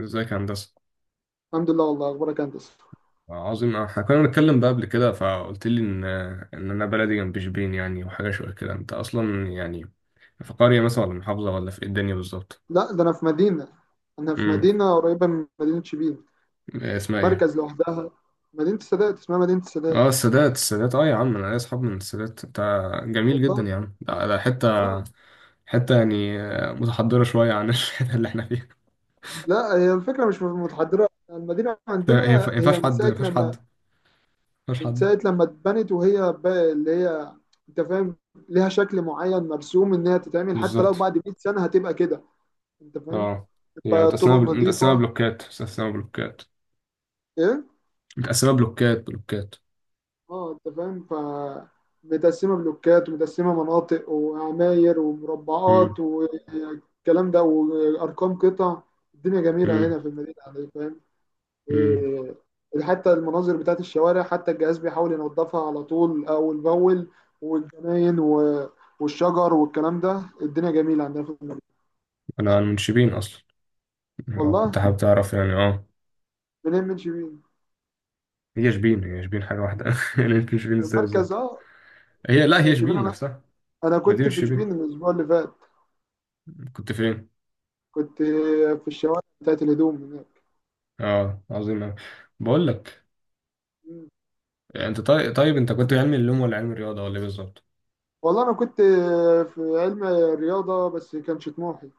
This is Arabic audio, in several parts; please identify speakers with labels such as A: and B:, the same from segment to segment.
A: ازيك يا هندسة.
B: الحمد لله، والله اخبارك انت؟
A: عظيم، احنا كنا بنتكلم بقى قبل كده فقلت لي ان ان انا بلدي جنب شبين يعني، وحاجة شوية كده. انت اصلا يعني في قرية مثلا، ولا محافظة، ولا في ايه الدنيا بالظبط؟
B: لا، ده انا في
A: امم
B: مدينه قريبه من مدينه شبين.
A: إيه اسمها ايه؟
B: مركز لوحدها. مدينه السادات، اسمها مدينه السادات.
A: اه، السادات، السادات. اه يا عم، انا ليا اصحاب من السادات. انت جميل جدا
B: والله.
A: يا عم. ده حتة،
B: اه.
A: حتة يعني متحضرة شوية عن الحتة اللي احنا فيها.
B: لا، هي الفكره مش متحضره. المدينه
A: ده هي ما
B: عندنا هي
A: ينفعش حد، ما ينفعش حد، ما ينفعش
B: من
A: حد.
B: ساعه لما اتبنت، وهي اللي هي، انت فاهم، ليها شكل معين مرسوم ان هي تتعمل، حتى لو
A: بالظبط.
B: بعد 100 سنه هتبقى كده. انت فاهم؟
A: اه، هي
B: تبقى
A: متقسمة
B: طرق
A: متقسمة
B: نظيفه.
A: بلوكات، متقسمة بلوكات،
B: ايه.
A: متقسمة بلوكات بلوكات.
B: اه، انت فاهم؟ متقسمه بلوكات، ومتقسمه مناطق، وعماير، ومربعات، والكلام ده، وارقام قطع. الدنيا جميله
A: امم
B: هنا في المدينه، يعني، فاهم؟
A: مم.
B: إيه. حتى المناظر بتاعت الشوارع، حتى الجهاز بيحاول ينظفها على طول، اول باول، والجناين والشجر والكلام ده. الدنيا جميله عندنا في المدينه.
A: انا من شبين اصلا، أو
B: والله.
A: كنت حابب تعرف يعني، اه.
B: منين؟ من شبين
A: هي شبين حاجه واحده يعني. يمكن شبين ازاي
B: والمركز؟
A: بالظبط؟
B: اه،
A: هي، لا، هي
B: شبين.
A: شبين
B: انا
A: نفسها.
B: انا
A: مدينه
B: كنت في
A: شبين.
B: شبين الاسبوع اللي فات.
A: كنت فين؟
B: كنت في الشوارع بتاعت الهدوم
A: اه، عظيم أوي. بقول لك
B: هناك.
A: يعني، انت، طيب طيب، انت كنت علمي علوم ولا علمي رياضه ولا ايه بالظبط؟
B: والله انا كنت في علم رياضه، بس كانش طموحي،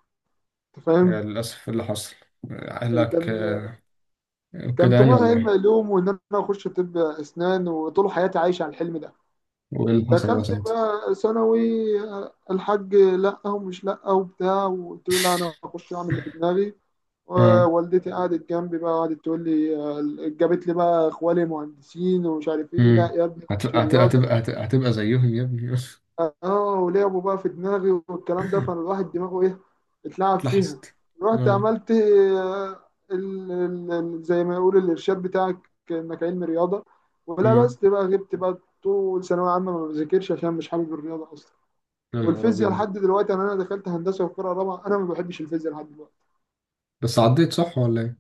B: انت فاهم؟
A: يعني للاسف إيه اللي حصل اهلك
B: كان
A: آه،
B: كان
A: كده يعني
B: طموحي
A: ولا
B: علم
A: ايه؟
B: علوم، وان انا اخش طب اسنان، وطول حياتي عايش على الحلم ده.
A: وايه اللي حصل بقى
B: دخلت
A: ساعتها؟
B: بقى ثانوي، الحاج لا ومش لا وبتاع، وقلت له لا انا هخش اعمل اللي في دماغي.
A: اه.
B: ووالدتي قعدت جنبي بقى، قعدت تقول لي، جابت لي بقى اخوالي مهندسين ومش عارف ايه، لا
A: امم
B: يا ابني خش
A: هتبقى هتبقى
B: رياضه.
A: هتبقى هت- هتبقى زيهم يا ابني.
B: اه. ولعبوا بقى في دماغي والكلام ده، فانا الواحد دماغه ايه؟ اتلعب فيها.
A: اتلحست.
B: رحت
A: اه.
B: عملت، زي ما يقول الارشاد بتاعك، انك علم رياضه. ولا
A: امم
B: بس بقى غبت بقى طول ثانويه عامه، ما بذاكرش، عشان مش حابب الرياضه اصلا.
A: يا نهار
B: والفيزياء
A: ابيض.
B: لحد دلوقتي، انا دخلت هندسه وقراءه رابعه، انا ما بحبش الفيزياء لحد دلوقتي.
A: بس عديت صح ولا ايه؟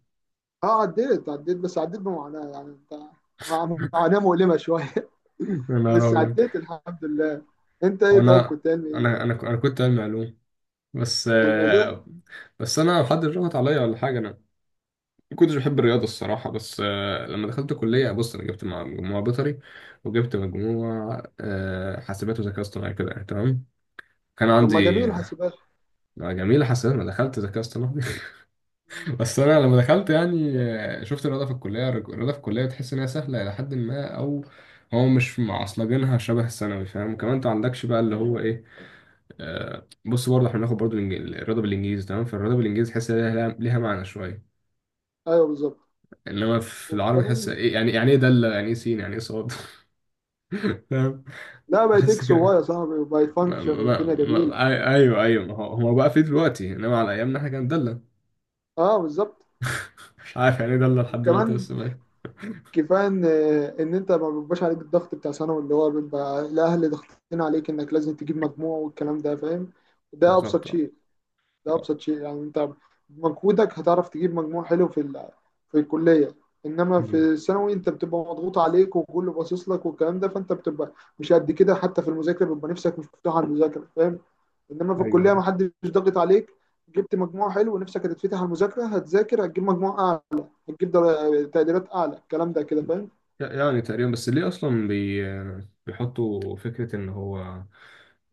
B: اه، عديت، بس عديت بمعاناه، يعني انت، معاناه مؤلمه شويه.
A: يا نهار
B: بس
A: أبيض.
B: عديت الحمد لله. انت ايه؟ طيب
A: وأنا
B: كنت علمي ايه؟
A: أنا أنا أنا ك- انا كنت علمي علوم، بس
B: علمي علوم.
A: آه، بس أنا حد ضغط عليا ولا حاجة. أنا ما كنتش بحب الرياضة الصراحة، بس لما دخلت كلية بص أنا جبت مجموعة بيطري، وجبت مجموعة حاسبات وذكاء اصطناعي كده يعني، تمام. كان
B: طب ما
A: عندي
B: جميل حاسبات.
A: جميلة حاسبات، ما دخلت ذكاء اصطناعي.
B: مم.
A: بس انا لما دخلت يعني، شفت الرياضه في الكليه تحس ان هي سهله الى حد ما، او هو مش معصلجينها شبه الثانوي، فاهم. كمان انت عندكش بقى اللي هو ايه، آه. بص، برضه احنا بناخد برضه الرياضه بالانجليزي، تمام. فالرياضه بالانجليزي تحس إن ليها معنى شويه.
B: ايوه بالظبط.
A: انما في العربي تحس
B: وكمان،
A: ايه؟ يعني ايه دالة، يعني ايه سين، يعني ايه صاد. فاهم.
B: لا بقت
A: تحس
B: اكس وواي
A: كده.
B: يا صاحبي، بقت
A: ما
B: فانكشن،
A: ما
B: والدنيا
A: ما
B: جميله.
A: أي- ايوه، ايوه. ما هو بقى في دلوقتي، انما على ايامنا احنا كان دالة.
B: اه بالظبط.
A: مش عارف يعني ايه دالة لحد دلوقتي،
B: وكمان
A: بس ماشي.
B: كفايه ان انت ما بيبقاش عليك الضغط بتاع ثانوي، اللي هو بيبقى الاهل ضاغطين عليك انك لازم تجيب مجموع والكلام ده، فاهم؟ ده ابسط
A: بالظبط.
B: شيء. ده ابسط شيء، يعني انت بمجهودك هتعرف تجيب مجموع حلو في الكليه. انما في
A: مم.
B: الثانوي انت بتبقى مضغوط عليك وكله باصص لك والكلام ده، فانت بتبقى مش قد كده، حتى في المذاكره بيبقى نفسك مش مفتوح على المذاكره، فاهم؟ انما في الكليه
A: ايوه.
B: ما حدش ضاغط عليك. جبت مجموع حلو، ونفسك هتتفتح على المذاكره، هتذاكر، هتجيب مجموع اعلى، هتجيب تقديرات اعلى، الكلام ده كده، فاهم؟
A: يعني تقريبا، بس ليه اصلا بيحطوا فكره ان هو،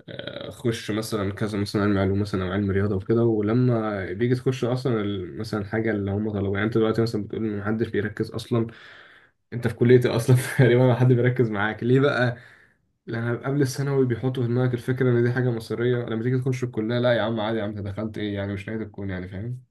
A: خش مثلا كذا، مثلا علم علوم، مثلا او علم رياضه وكده. ولما بيجي تخش اصلا مثلا حاجه اللي هم طلبوها. يعني انت دلوقتي مثلا بتقول ان محدش بيركز اصلا، انت في كليه إيه اصلا؟ تقريبا ما حد بيركز معاك ليه بقى؟ لان قبل الثانوي بيحطوا في دماغك الفكره ان دي حاجه مصيريه، لما تيجي تخش الكليه، لا يا عم، عادي يا عم، انت دخلت ايه يعني؟ مش نهايه الكون يعني، فاهم.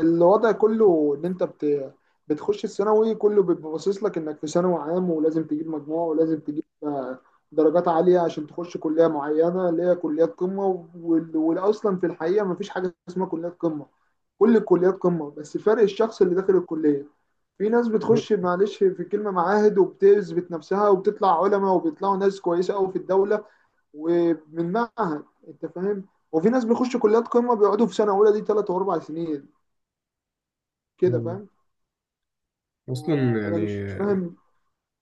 B: الوضع كله ان انت بتخش الثانوي، كله بيبقى باصص لك انك في ثانوي عام، ولازم تجيب مجموع، ولازم تجيب درجات عاليه عشان تخش كليه معينه اللي هي كليات قمه، والاصلا في الحقيقه ما فيش حاجه اسمها كليات قمه. كل الكليات قمه، بس فرق الشخص اللي داخل الكليه. في ناس بتخش،
A: ب-
B: معلش في الكلمة، معاهد وبتثبت نفسها وبتطلع علماء، وبيطلعوا ناس كويسة قوي في الدولة، ومن معهد، انت فاهم؟ وفي ناس بيخشوا كليات قمة بيقعدوا في سنة أولى دي 3 و4 سنين، كده، فاهم؟
A: اصلا
B: أنا
A: يعني،
B: مش فاهم.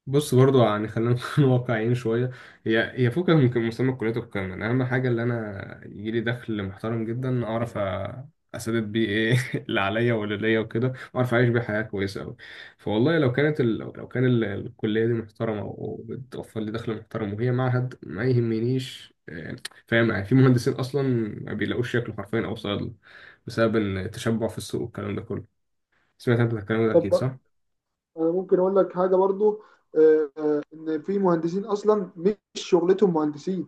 A: بص برضو يعني، خلينا نكون واقعيين شوية. هي فكرة، يمكن مسمى الكلية والكلام ده. أنا أهم حاجة اللي أنا يجيلي دخل محترم جدا، أعرف أسدد بيه إيه اللي عليا واللي ليا وكده، وأعرف أعيش بيه حياة كويسة أوي. فوالله لو كانت ال... لو كان ال... الكلية دي محترمة وبتوفر لي دخل محترم، وهي معهد ما يهمنيش. فاهم يعني. في مهندسين أصلا ما بيلاقوش شكل حرفيا، أو صيادلة، بسبب التشبع في السوق والكلام ده كله. سمعت أنت الكلام ده أكيد
B: طب
A: صح؟
B: أنا ممكن أقول لك حاجة برضو، إن في مهندسين أصلا مش شغلتهم مهندسين.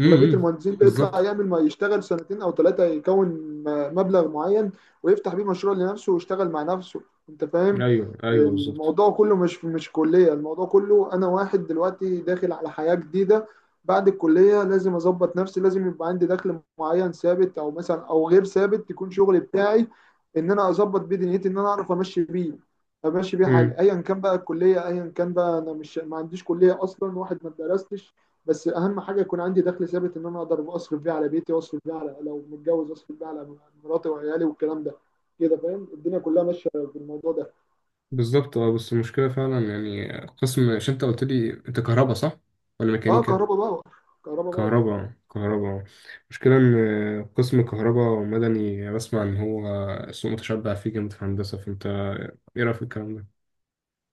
B: اغلبيه
A: امم.
B: المهندسين بيطلع
A: بالظبط.
B: يعمل ما يشتغل سنتين او ثلاثه، يكون مبلغ معين، ويفتح بيه مشروع لنفسه ويشتغل مع نفسه، انت فاهم؟
A: ايوه، ايوه، بالظبط.
B: الموضوع كله، مش كليه. الموضوع كله، انا واحد دلوقتي داخل على حياه جديده، بعد الكليه لازم اظبط نفسي، لازم يبقى عندي دخل معين ثابت او مثلا او غير ثابت، يكون شغلي بتاعي، ان انا اظبط بيه دنيتي، ان انا اعرف امشي بيه، حالي،
A: امم،
B: ايا كان بقى الكليه، ايا كان بقى، انا مش، ما عنديش كليه اصلا، واحد ما درستش. بس اهم حاجه يكون عندي دخل ثابت، ان انا اقدر اصرف بيه على بيتي، واصرف بيه على، لو متجوز اصرف بيه على مراتي وعيالي والكلام ده، كده، فاهم؟ الدنيا كلها ماشيه بالموضوع ده.
A: بالظبط. اه. بس المشكلة فعلا يعني قسم، عشان انت قلت لي انت كهرباء صح؟ ولا
B: اه،
A: ميكانيكا؟
B: كهرباء باور. كهرباء باور.
A: كهرباء كهرباء. المشكلة ان قسم كهرباء مدني بسمع ان هو سوق متشبع فيه جامد في هندسة، فانت ايه رأيك في الكلام ده؟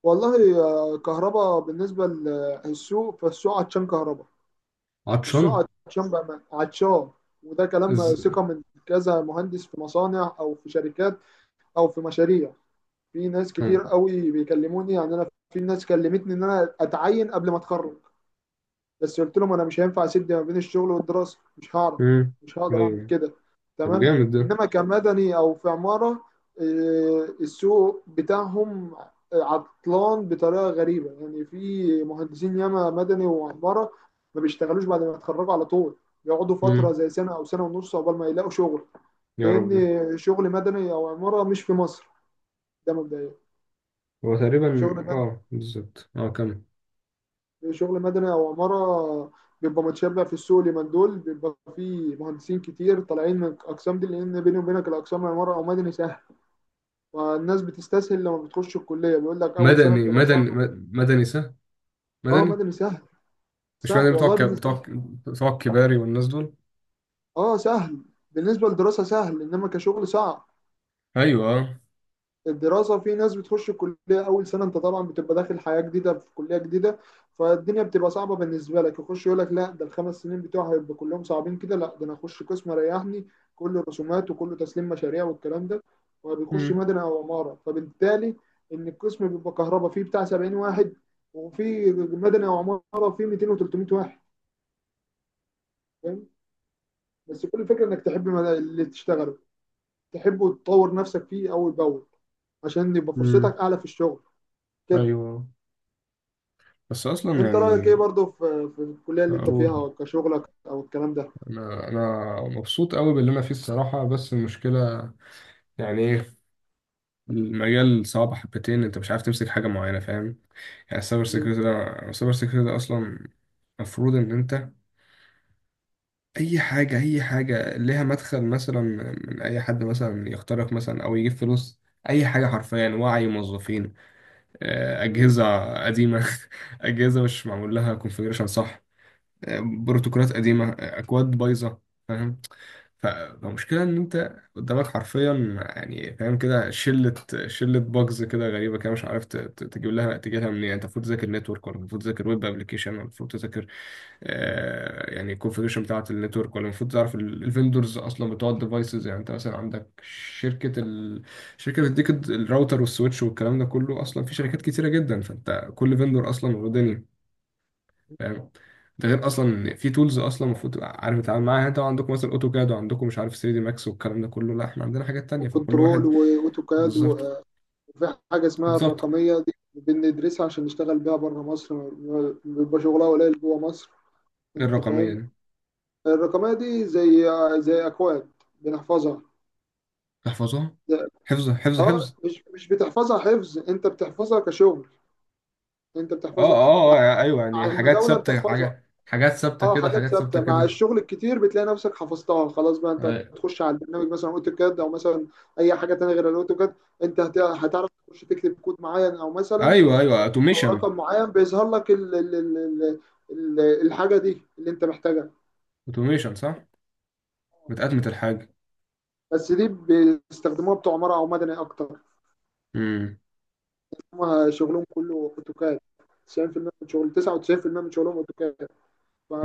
B: والله، كهرباء بالنسبه للسوق، فالسوق عطشان كهرباء.
A: عطشان؟
B: السوق عطشان بقى، عطشان، وده كلام
A: از...
B: ثقه من كذا مهندس في مصانع او في شركات او في مشاريع. في ناس
A: اه.
B: كتير قوي بيكلموني، يعني انا في ناس كلمتني ان انا اتعين قبل ما اتخرج، بس قلت لهم انا مش هينفع اسد ما بين الشغل والدراسه، مش هعرف،
A: امم.
B: مش هقدر اعمل
A: ايوه.
B: كده.
A: طب
B: تمام.
A: جامد ده.
B: انما كمدني او في عماره، السوق بتاعهم عطلان بطريقه غريبه، يعني في مهندسين ياما مدني وعماره ما بيشتغلوش بعد ما يتخرجوا على طول، بيقعدوا فتره
A: امم.
B: زي سنه او سنه ونص عقبال ما يلاقوا شغل،
A: يا
B: لان
A: ربي.
B: شغل مدني او عماره مش في مصر، ده مبدئيا.
A: هو تقريبا،
B: شغل
A: اه، بالظبط، اه، كمل.
B: شغل مدني او عماره بيبقى متشابه بقى في السوق. اليومين دول بيبقى في مهندسين كتير طالعين من الاقسام دي، لان بيني وبينك الاقسام العماره او مدني سهل، والناس بتستسهل، لما بتخش الكليه بيقول لك اول سنه بتبقى صعبه.
A: مدني سه،
B: اه،
A: مدني
B: مدني سهل،
A: مش
B: سهل
A: مدني
B: والله بالنسبه،
A: بتوع الكباري والناس دول.
B: اه سهل بالنسبه للدراسه سهل، انما كشغل صعب.
A: ايوه، اه.
B: الدراسة، في ناس بتخش الكلية أول سنة، أنت طبعا بتبقى داخل حياة جديدة في كلية جديدة، فالدنيا بتبقى صعبة بالنسبة لك، يخش يقول لك لا، ده الخمس سنين بتوعي هيبقوا كلهم صعبين كده، لا ده أنا أخش قسم ريحني، كله رسومات وكله تسليم مشاريع والكلام ده، وبيخش
A: مم.
B: مدني أو عمارة. فبالتالي إن القسم بيبقى كهرباء فيه بتاع 70 واحد، وفي مدني أو عمارة فيه 200 و300 واحد، فاهم؟ بس كل الفكرة إنك تحب اللي تشتغله، تحبه وتطور نفسك فيه أول بأول عشان يبقى
A: مم.
B: فرصتك أعلى في الشغل، كده.
A: ايوه. بس اصلا
B: انت رايك
A: يعني
B: ايه برضو في الكليه اللي انت
A: اقول،
B: فيها كشغلك او الكلام ده؟
A: انا مبسوط قوي باللي انا فيه الصراحه، بس المشكله يعني ايه؟ المجال صعب حبتين، انت مش عارف تمسك حاجه معينه، فاهم. يعني السايبر
B: مم.
A: سيكيورتي ده السايبر سيكيورتي ده اصلا المفروض ان انت، اي حاجه ليها مدخل، مثلا من اي حد، مثلا يخترق مثلا، او يجيب فلوس، اي حاجه حرفيا. وعي موظفين،
B: مم.
A: اجهزه قديمه. اجهزه مش معمول لها كونفيجريشن، صح، بروتوكولات قديمة، أكواد بايظة، فاهم. فالمشكلة إن أنت قدامك حرفيا، يعني فاهم كده، شلة باجز كده غريبة كده، مش عارف تجيب لها منين. أنت المفروض تذاكر نتورك ولا المفروض تذاكر ويب أبلكيشن، ولا المفروض تذاكر يعني الكونفيجريشن بتاعة النتورك، ولا المفروض تعرف الفندورز أصلا بتوع الديفايسز. يعني أنت مثلا عندك شركة ال... شركة بتديك الراوتر والسويتش والكلام ده كله. أصلا في شركات كتيرة جدا، فأنت كل فندور أصلا ودنيا، فاهم. ده غير اصلا ان في تولز اصلا المفروض تبقى عارف تتعامل معاها. يعني انتوا عندكم مثلا اوتوكاد، وعندكم مش عارف 3 دي ماكس والكلام ده كله. لا، احنا عندنا حاجات تانية، فكل
B: وكنترول
A: واحد.
B: واوتوكاد،
A: بالظبط.
B: وفي حاجه اسمها
A: بالظبط.
B: الرقميه، دي بندرسها عشان نشتغل بيها بره مصر، بيبقى شغلها قليل جوه مصر،
A: إيه
B: انت
A: الرقميه
B: فاهم؟
A: دي؟
B: الرقميه دي زي، اكواد بنحفظها.
A: تحفظها؟
B: ده-
A: حفظ، حفظ،
B: اه،
A: حفظ.
B: مش بتحفظها حفظ، انت بتحفظها كشغل، انت
A: اه،
B: بتحفظها مع،
A: اه، يعني ايوه. يعني حاجات
B: المداوله
A: ثابته،
B: بتحفظها.
A: حاجات ثابته
B: اه،
A: كده،
B: حاجات
A: حاجات ثابته
B: ثابته، مع
A: كده.
B: الشغل الكتير بتلاقي نفسك حفظتها خلاص، بقى انت
A: أي-
B: تخش على البرنامج مثلا اوتوكاد، او مثلا اي حاجه تانية غير الاوتوكاد، انت هتعرف تخش تكتب كود معين، او مثلا
A: ايوه، ايوه،
B: او
A: اوتوميشن.
B: رقم معين بيظهر لك ال ال ال ال ال الحاجه دي اللي انت محتاجها.
A: اوتوميشن صح، متأتمة الحاجه.
B: بس دي بيستخدموها بتوع عماره او مدني اكتر،
A: امم.
B: هم شغلهم كله اوتوكاد. 90% من شغل، 99% من شغلهم اوتوكاد،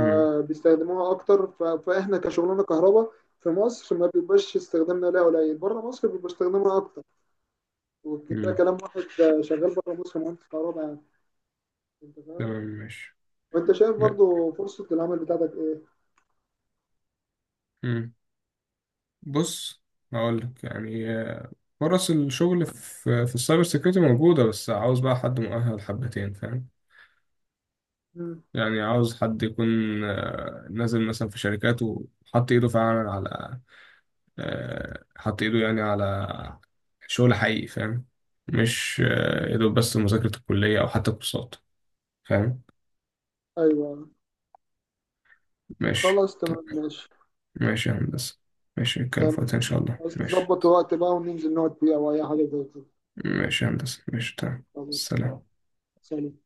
A: امم.
B: اكتر، فاحنا كشغلانه كهرباء في مصر ما بيبقاش استخدامنا ليها، قليل، بره مصر بيبقى استخدامها اكتر، وده
A: امم.
B: كلام واحد شغال بره مصر مهندس كهرباء، يعني، انت فاهم؟
A: تمام، ماشي.
B: وانت شايف
A: م-
B: برضو فرصه العمل بتاعتك ايه؟
A: امم بص، هقول لك يعني إيه. فرص الشغل في السايبر سيكيورتي موجودة، بس عاوز بقى حد مؤهل حبتين، فاهم.
B: مم.
A: يعني عاوز حد يكون، نازل مثلا في شركات وحط ايده فعلا على، حط ايده يعني على شغل حقيقي، فاهم. مش
B: مم.
A: يا دوب بس مذاكرة الكلية أو حتى كورسات، فاهم.
B: ايوه.
A: ماشي،
B: خلاص
A: طيب.
B: تمام ماشي.
A: ماشي يا هندسة. ماشي نتكلم في وقتها إن
B: تمام.
A: شاء الله.
B: عايز
A: ماشي،
B: نظبط وقت بقى وننزل نقعد فيه او اي حاجه زي كده.
A: ماشي يا هندسة، ماشي، تمام،
B: خلاص.
A: سلام.
B: سلام.